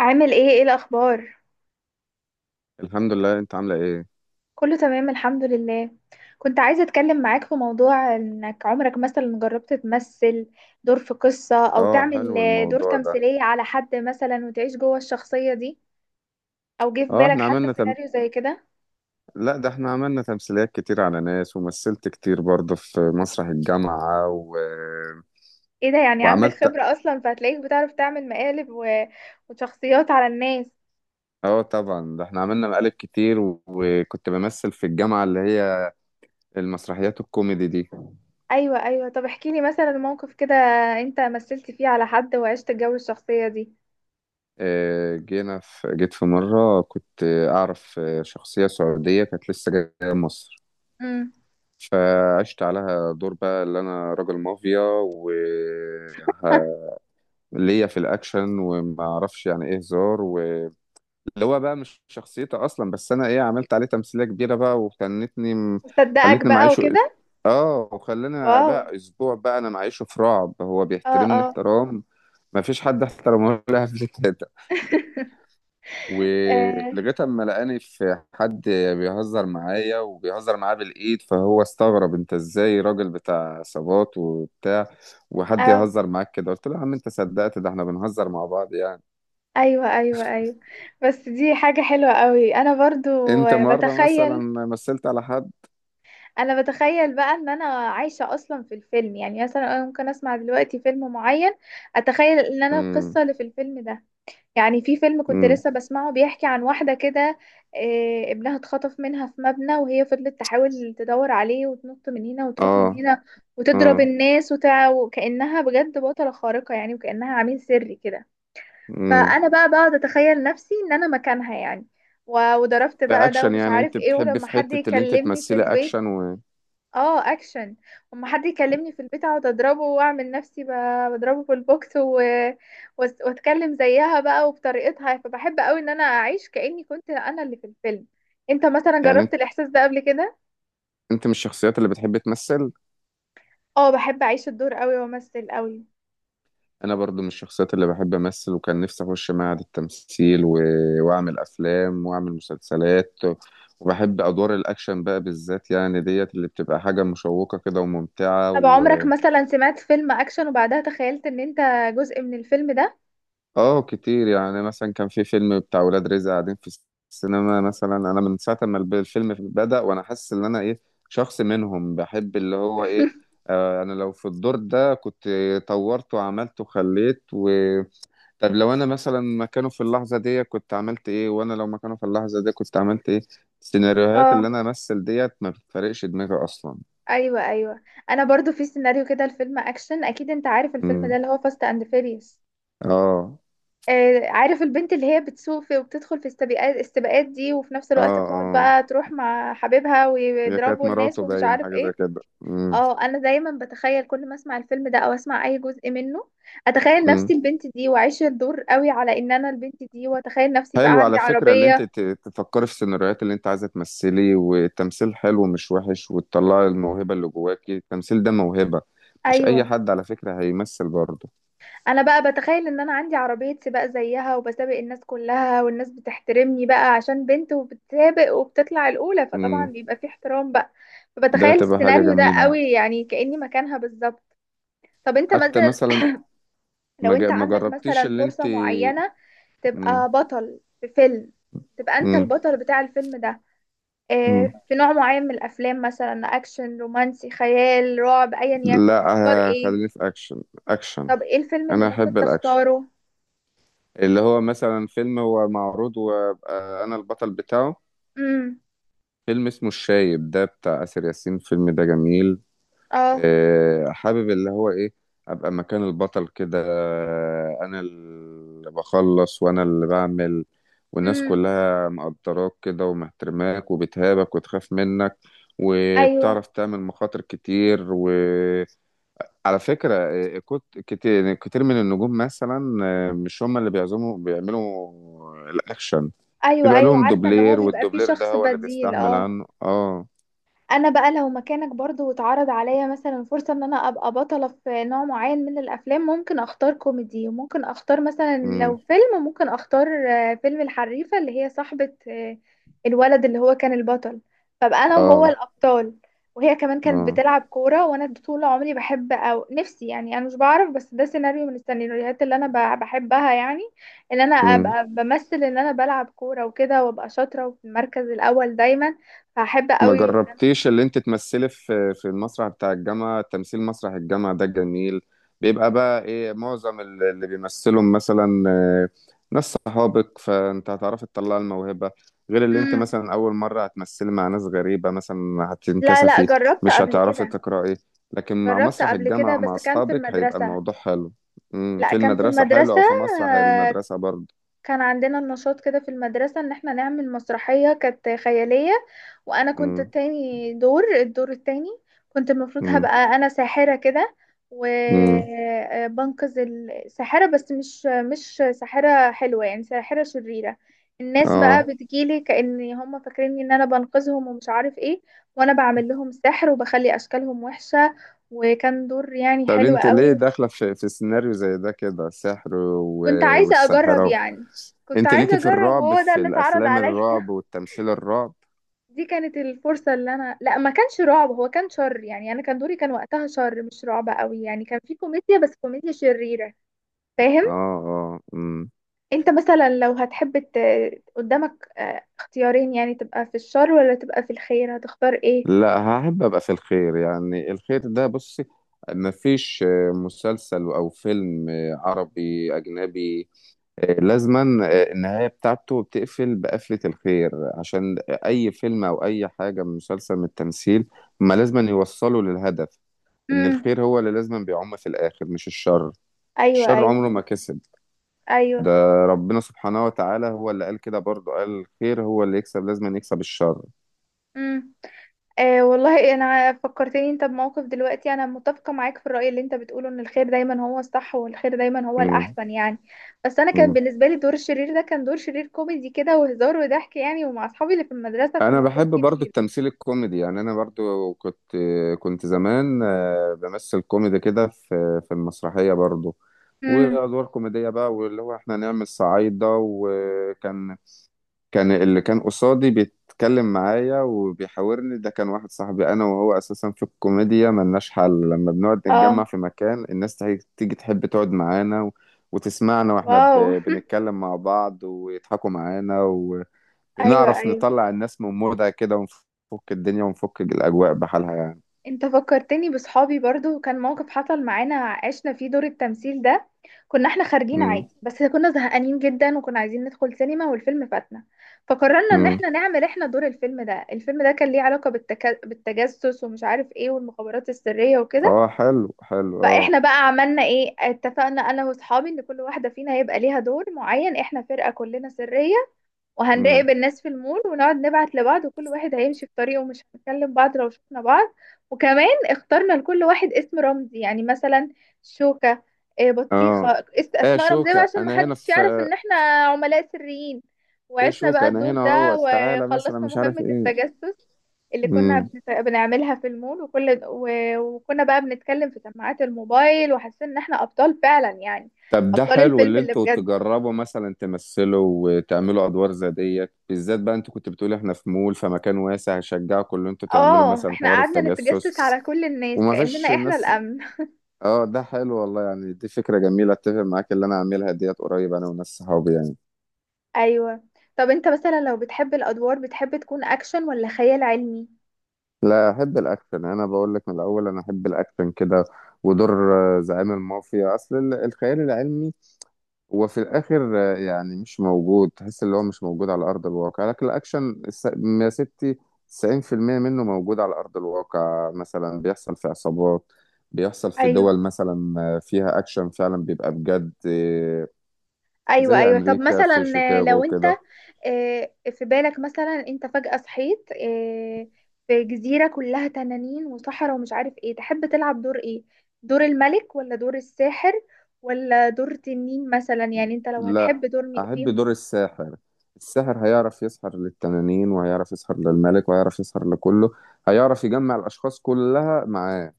عامل ايه؟ ايه الاخبار؟ الحمد لله. انت عامله ايه؟ كله تمام، الحمد لله. كنت عايزه اتكلم معاك في موضوع، انك عمرك مثلا جربت تمثل دور في قصه، او اه، تعمل حلو دور الموضوع ده. تمثيليه على حد مثلا وتعيش جوه الشخصيه دي، او جه في اه بالك احنا حتى عملنا تم... سيناريو زي كده؟ لا، ده احنا عملنا تمثيليات كتير على ناس، ومثلت كتير برضه في مسرح الجامعة. ايه ده، يعني عندك وعملت. خبره اصلا، فهتلاقيك بتعرف تعمل مقالب وشخصيات على الناس. اه طبعا، ده احنا عملنا مقالب كتير. وكنت بمثل في الجامعة اللي هي المسرحيات الكوميدي دي. ايوه ايوه، طب احكي لي مثلا موقف كده انت مثلت فيه على حد وعشت جو الشخصيه دي. اه جينا في جيت في مرة كنت اعرف شخصية سعودية كانت لسه جاية مصر، امم. فعشت عليها دور بقى اللي انا راجل مافيا و ليا في الاكشن، وما اعرفش يعني ايه هزار، واللي هو بقى مش شخصيتي اصلا، بس انا ايه عملت عليه تمثيليه كبيره بقى، وخلتني. مصدقك خلتني بقى معيشه. وكده. اه، وخلاني واو. بقى اسبوع بقى انا معيشه في رعب، هو اه. بيحترمني آه. احترام ما فيش حد احترمه لها قبل كده، آه، ولغايه اما لقاني في حد بيهزر معايا وبيهزر معاه بالايد، فهو استغرب انت ازاي راجل بتاع عصابات وبتاع، وحد أو يهزر معاك كده؟ قلت له يا عم انت صدقت، ده احنا بنهزر مع بعض يعني. أيوة أيوة أيوة، بس دي حاجة حلوة قوي. أنا برضو انت مرة مثلا بتخيل، مثلت على حد؟ أنا بتخيل بقى إن أنا عايشة أصلا في الفيلم، يعني مثلا أنا ممكن أسمع دلوقتي فيلم معين، أتخيل إن أنا امم. القصة اللي في الفيلم ده. يعني في فيلم كنت امم. لسه بسمعه بيحكي عن واحدة كده، آه، ابنها اتخطف منها في مبنى وهي فضلت تحاول تدور عليه وتنط من هنا وتروح من اه. هنا وتضرب اه. الناس وكأنها بجد بطلة خارقة يعني، وكأنها عميل سري كده. امم. فانا بقى بقعد اتخيل نفسي ان انا مكانها يعني، و- وضربت ده بقى ده اكشن ومش يعني، عارف انت ايه، بتحب ولما في حد حتة اللي انت يكلمني في تمثلي البيت. اكشن. اه، اكشن. لما حد يكلمني في البيت اقعد اضربه واعمل نفسي ب- بضربه في البوكس وأس- واتكلم زيها بقى وبطريقتها. فبحب قوي ان انا اعيش كاني كنت انا اللي في الفيلم. انت مثلا يعني جربت انت الاحساس ده قبل كده؟ انت من الشخصيات اللي بتحب تمثل؟ اه، بحب اعيش الدور قوي وامثل قوي. انا برضو من الشخصيات اللي بحب امثل، وكان نفسي اخش معهد التمثيل. واعمل افلام واعمل مسلسلات، وبحب ادوار الاكشن بقى بالذات يعني، ديت اللي بتبقى حاجة مشوقة كده وممتعة. طب عمرك مثلا سمعت فيلم اكشن وبعدها تخيلت ان انت جزء من الفيلم ده؟ اه كتير، يعني مثلا كان في فيلم بتاع ولاد رزق قاعدين في السينما، مثلا انا من ساعه ما الفيلم بدأ وانا حاسس ان انا ايه، شخص منهم بحب اللي هو ايه. آه، انا لو في الدور ده كنت طورت وعملت وخليت. طب لو انا مثلا مكانه في اللحظه دي كنت عملت ايه، وانا لو مكانه في اللحظه دي كنت عملت ايه؟ السيناريوهات اه. اللي انا امثل ديت ما بتفرقش دماغي اصلا. ايوه ايوه، انا برضو في سيناريو كده، الفيلم اكشن، اكيد انت عارف الفيلم ده، امم. اللي هو فاست اند فيريوس. اه. آه عارف البنت اللي هي بتسوق في وبتدخل في السباقات دي، وفي نفس اه. الوقت بتقعد اه. بقى تروح مع حبيبها هي كانت ويضربوا الناس مراته، ومش باينه عارف حاجه زي ايه. كده. اه، انا دايما بتخيل كل ما اسمع الفيلم ده او اسمع اي جزء منه، اتخيل امم. نفسي البنت دي واعيش الدور قوي على ان انا البنت دي، واتخيل نفسي بقى حلو عندي على فكرة، اللي انت عربية. تفكري في السيناريوهات اللي انت عايزة تمثلي، والتمثيل حلو مش وحش، وتطلعي الموهبة اللي جواكي، التمثيل ده موهبة، مش اي ايوه. حد على فكرة هيمثل برضه. انا بقى بتخيل ان انا عندي عربية سباق زيها، وبسابق الناس كلها، والناس بتحترمني بقى عشان بنت وبتسابق وبتطلع الاولى، فطبعا امم. بيبقى في احترام بقى. ده فبتخيل تبقى حاجة السيناريو ده جميلة يعني. قوي يعني، كأني مكانها بالظبط. طب انت حتى مثلا، مثلا، لو انت ما عندك جربتيش مثلا اللي انت... فرصة معينة امم. تبقى بطل في فيلم، تبقى انت امم. البطل بتاع الفيلم ده، آه، امم. في نوع معين من الافلام، مثلا اكشن رومانسي خيال رعب، ايا يكن، لا. تختار ايه؟ خليني في اكشن. اكشن. طب ايه الفيلم اللي انا ممكن احب الاكشن، تختاره؟ اللي هو مثلا فيلم هو معروض وابقى انا البطل بتاعه. امم. فيلم اسمه الشايب ده بتاع آسر ياسين، الفيلم ده جميل. اه. حابب اللي هو ايه، ابقى مكان البطل كده، انا اللي بخلص وانا اللي بعمل، والناس امم. كلها مقدراك كده ومحترماك وبتهابك وتخاف منك، ايوه وبتعرف تعمل مخاطر كتير. وعلى فكرة كتير كتير من النجوم مثلا، مش هم اللي بيعزموا بيعملوا الأكشن، ايوه بيبقى ايوه، لهم عارفه ان هو دوبلير، بيبقى فيه والدوبلير ده شخص هو اللي بديل، بيستحمل اه. عنه. اه. انا بقى لو مكانك برضو واتعرض عليا مثلا فرصة ان انا ابقى بطلة في نوع معين من الافلام، ممكن اختار كوميدي، وممكن اختار مثلا امم. لو فيلم، ممكن اختار آه، فيلم الحريفة، اللي هي صاحبة آه، الولد اللي هو كان البطل، فبقى انا وهو اه. الابطال، وهي كمان كانت اه. بتلعب كورة، وانا طول عمري بحب، او نفسي يعني، انا مش بعرف بس ده سيناريو من السيناريوهات اللي انا ب- بحبها يعني، ان انا امم. ابقى بمثل ان انا بلعب كورة وكده، وابقى شاطرة وفي المركز الاول دايما، فهحب ما قوي. جربتيش اللي انت تمثلي في المسرح بتاع الجامعة؟ تمثيل مسرح الجامعة ده جميل، بيبقى بقى ايه معظم اللي بيمثلهم مثلا ناس صحابك، فانت هتعرفي تطلعي الموهبة، غير اللي انت مم. مثلا اول مرة هتمثلي مع ناس غريبة مثلا لا لا، هتنكسفي، جربت مش قبل هتعرفي كده. تقرأي. لكن مع جربت مسرح قبل كده الجامعة مع بس كان في اصحابك هيبقى المدرسة. الموضوع حلو. مم، لا في كان في المدرسة حلو، المدرسة. او في مسرح المدرسة برضه. كان عندنا النشاط كده في المدرسة، ان احنا نعمل مسرحية كانت خيالية، وانا كنت مم. التاني دور، الدور التاني. كنت المفروض مم. هبقى انا ساحرة كده، مم. وبنقذ الساحرة، بس مش ساحرة حلوة، يعني ساحرة شريرة. الناس بقى اه. بتجيلي كأن هم فاكريني ان انا بنقذهم ومش عارف ايه، وانا بعمل لهم سحر وبخلي اشكالهم وحشة. وكان دور يعني طب حلو انت ليه قوي. داخله في سيناريو زي ده كده، سحر كنت عايزة أجرب والسحرة يعني، كنت انت عايزة ليكي في أجرب الرعب، وهو ده في اللي اتعرض الافلام عليا. الرعب والتمثيل الرعب. دي كانت الفرصة اللي أنا، لا ما كانش رعب، هو كان شر، يعني أنا كان دوري كان وقتها شر، مش رعب قوي يعني، كان في كوميديا بس كوميديا شريرة. اه. فاهم؟ اه. امم. أنت مثلا لو هتحب قدامك آه، اختيارين، يعني تبقى في الشر ولا تبقى في الخير، هتختار إيه؟ لا، هحب ابقى في الخير، يعني الخير ده بصي، مفيش مسلسل او فيلم عربي اجنبي، لازما النهايه بتاعته بتقفل بقفله الخير، عشان اي فيلم او اي حاجه من مسلسل من التمثيل ما لازما يوصلوا للهدف، إن امم. الخير هو اللي لازم بيعم في الآخر مش الشر. أيوه الشر أيوه عمره ما كسب. ده أيوه. ربنا سبحانه وتعالى هو اللي قال كده برضه، قال الخير هو اللي يكسب، لازم يكسب الشر. امم. آه والله، انا فكرتني انت بموقف دلوقتي، انا متفقه معاك في الراي اللي انت بتقوله، ان الخير دايما هو الصح، والخير دايما هو مم. الاحسن يعني. بس انا كان مم. بالنسبه لي دور الشرير ده كان دور شرير كوميدي كده، وهزار وضحك يعني، ومع اصحابي اللي في المدرسه، أنا فمش دور بحب برضه كبير. التمثيل الكوميدي، يعني أنا برضه كنت زمان بمثل كوميدي كده في المسرحية برضه، امم. وأدوار كوميدية بقى، واللي هو إحنا نعمل صعايدة. وكان اللي كان قصادي بيتكلم معايا وبيحاورني ده كان واحد صاحبي انا وهو، اساسا في الكوميديا ملناش حل، لما بنقعد اه. نتجمع في مكان الناس تيجي تحب تقعد معانا. وتسمعنا واحنا واو. بنتكلم مع بعض ويضحكوا معانا، ايوه وبنعرف ايوه. نطلع الناس من مودها كده، ونفك الدنيا ونفك الاجواء بحالها يعني. انت فكرتني بصحابي برضو، وكان موقف حصل معانا عشنا فيه دور التمثيل ده. كنا احنا خارجين امم. عادي، بس كنا زهقانين جدا وكنا عايزين ندخل سينما والفيلم فاتنا. فقررنا ان امم. احنا نعمل احنا دور الفيلم ده. الفيلم ده كان ليه علاقة بالتجسس ومش عارف ايه، والمخابرات السرية وكده. اه. حلو حلو. اه. فاحنا بقى عملنا ايه، اتفقنا انا واصحابي ان كل واحدة فينا هيبقى ليها دور معين، احنا فرقة كلنا سرية، امم. وهنراقب الناس في المول، ونقعد نبعت لبعض، وكل واحد هيمشي في طريقه ومش هنكلم بعض لو شفنا بعض. وكمان اخترنا لكل واحد اسم رمزي، يعني مثلا شوكة، آه، بطيخة، اه. اس- ايه يا اسماء رمزية بقى، شوكة عشان انا هنا محدش في يعرف ايه، ان احنا عملاء سريين. يا وعشنا بقى شوكة انا الدور هنا ده، اهوت، تعالى مثلا وخلصنا مش عارف مهمة ايه. التجسس اللي كنا مم. بنت- بنعملها في المول، وكل و- وكنا بقى بنتكلم في سماعات الموبايل، وحسينا ان احنا ابطال فعلا يعني، طب ده ابطال حلو الفيلم اللي اللي انتوا بجد. تجربوا مثلا تمثلوا وتعملوا ادوار زي ديت بالذات بقى، انتوا كنت بتقولي احنا في مول، فمكان واسع هشجعكم ان انتوا تعملوا اه، مثلا احنا حوار قعدنا نتجسس التجسس، على كل الناس وما فيش كأننا احنا الناس. الأمن. اه ده حلو والله، يعني دي فكرة جميلة، اتفق معاك، اللي انا اعملها ديت قريب انا وناس صحابي يعني. ايوه. طب انت مثلا لو بتحب الأدوار، بتحب تكون أكشن ولا خيال علمي؟ لا، احب الاكشن، انا بقول لك من الاول انا احب الاكشن كده، ودور زعيم المافيا، اصل الخيال العلمي هو في الاخر يعني مش موجود، تحس اللي هو مش موجود على ارض الواقع، لكن الاكشن يا ستي 90% منه موجود على ارض الواقع، مثلا بيحصل في عصابات، بيحصل في ايوه دول مثلا فيها اكشن فعلا، بيبقى بجد. ايوه زي ايوه. طب امريكا، في مثلا آه، شيكاغو لو انت كده. آه، في بالك مثلا انت فجأة صحيت آه، في جزيرة كلها تنانين وصحراء ومش عارف ايه، تحب تلعب دور ايه؟ دور الملك ولا دور الساحر ولا دور تنين مثلا، يعني انت لو لا، هتحب دور احب فيهم. دور الساحر، الساحر هيعرف يسحر للتنانين وهيعرف يسحر للملك وهيعرف يسحر لكله، هيعرف يجمع الاشخاص كلها معاه.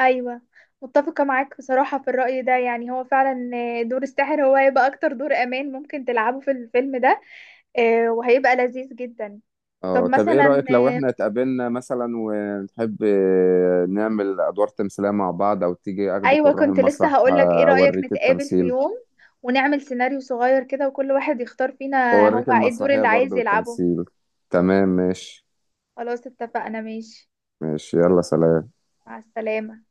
ايوه. متفقه معاك بصراحه في الراي ده، يعني هو فعلا آه، دور الساحر هو هيبقى اكتر دور امان ممكن تلعبه في الفيلم ده، آه، وهيبقى لذيذ جدا. طب اه. طب ايه مثلا رأيك لو آه، احنا اتقابلنا مثلا ونحب نعمل ادوار تمثيلية مع بعض، او تيجي اخدك ايوه ونروح كنت لسه المسرح هقولك، ايه رايك اوريك نتقابل في التمثيل، يوم ونعمل سيناريو صغير كده، وكل واحد يختار فينا هو اوريك ايه الدور المسرحية اللي عايز برضو يلعبه. والتمثيل. تمام، ماشي. خلاص اتفقنا، ماشي. ماشي. يلا سلام. مع السلامه.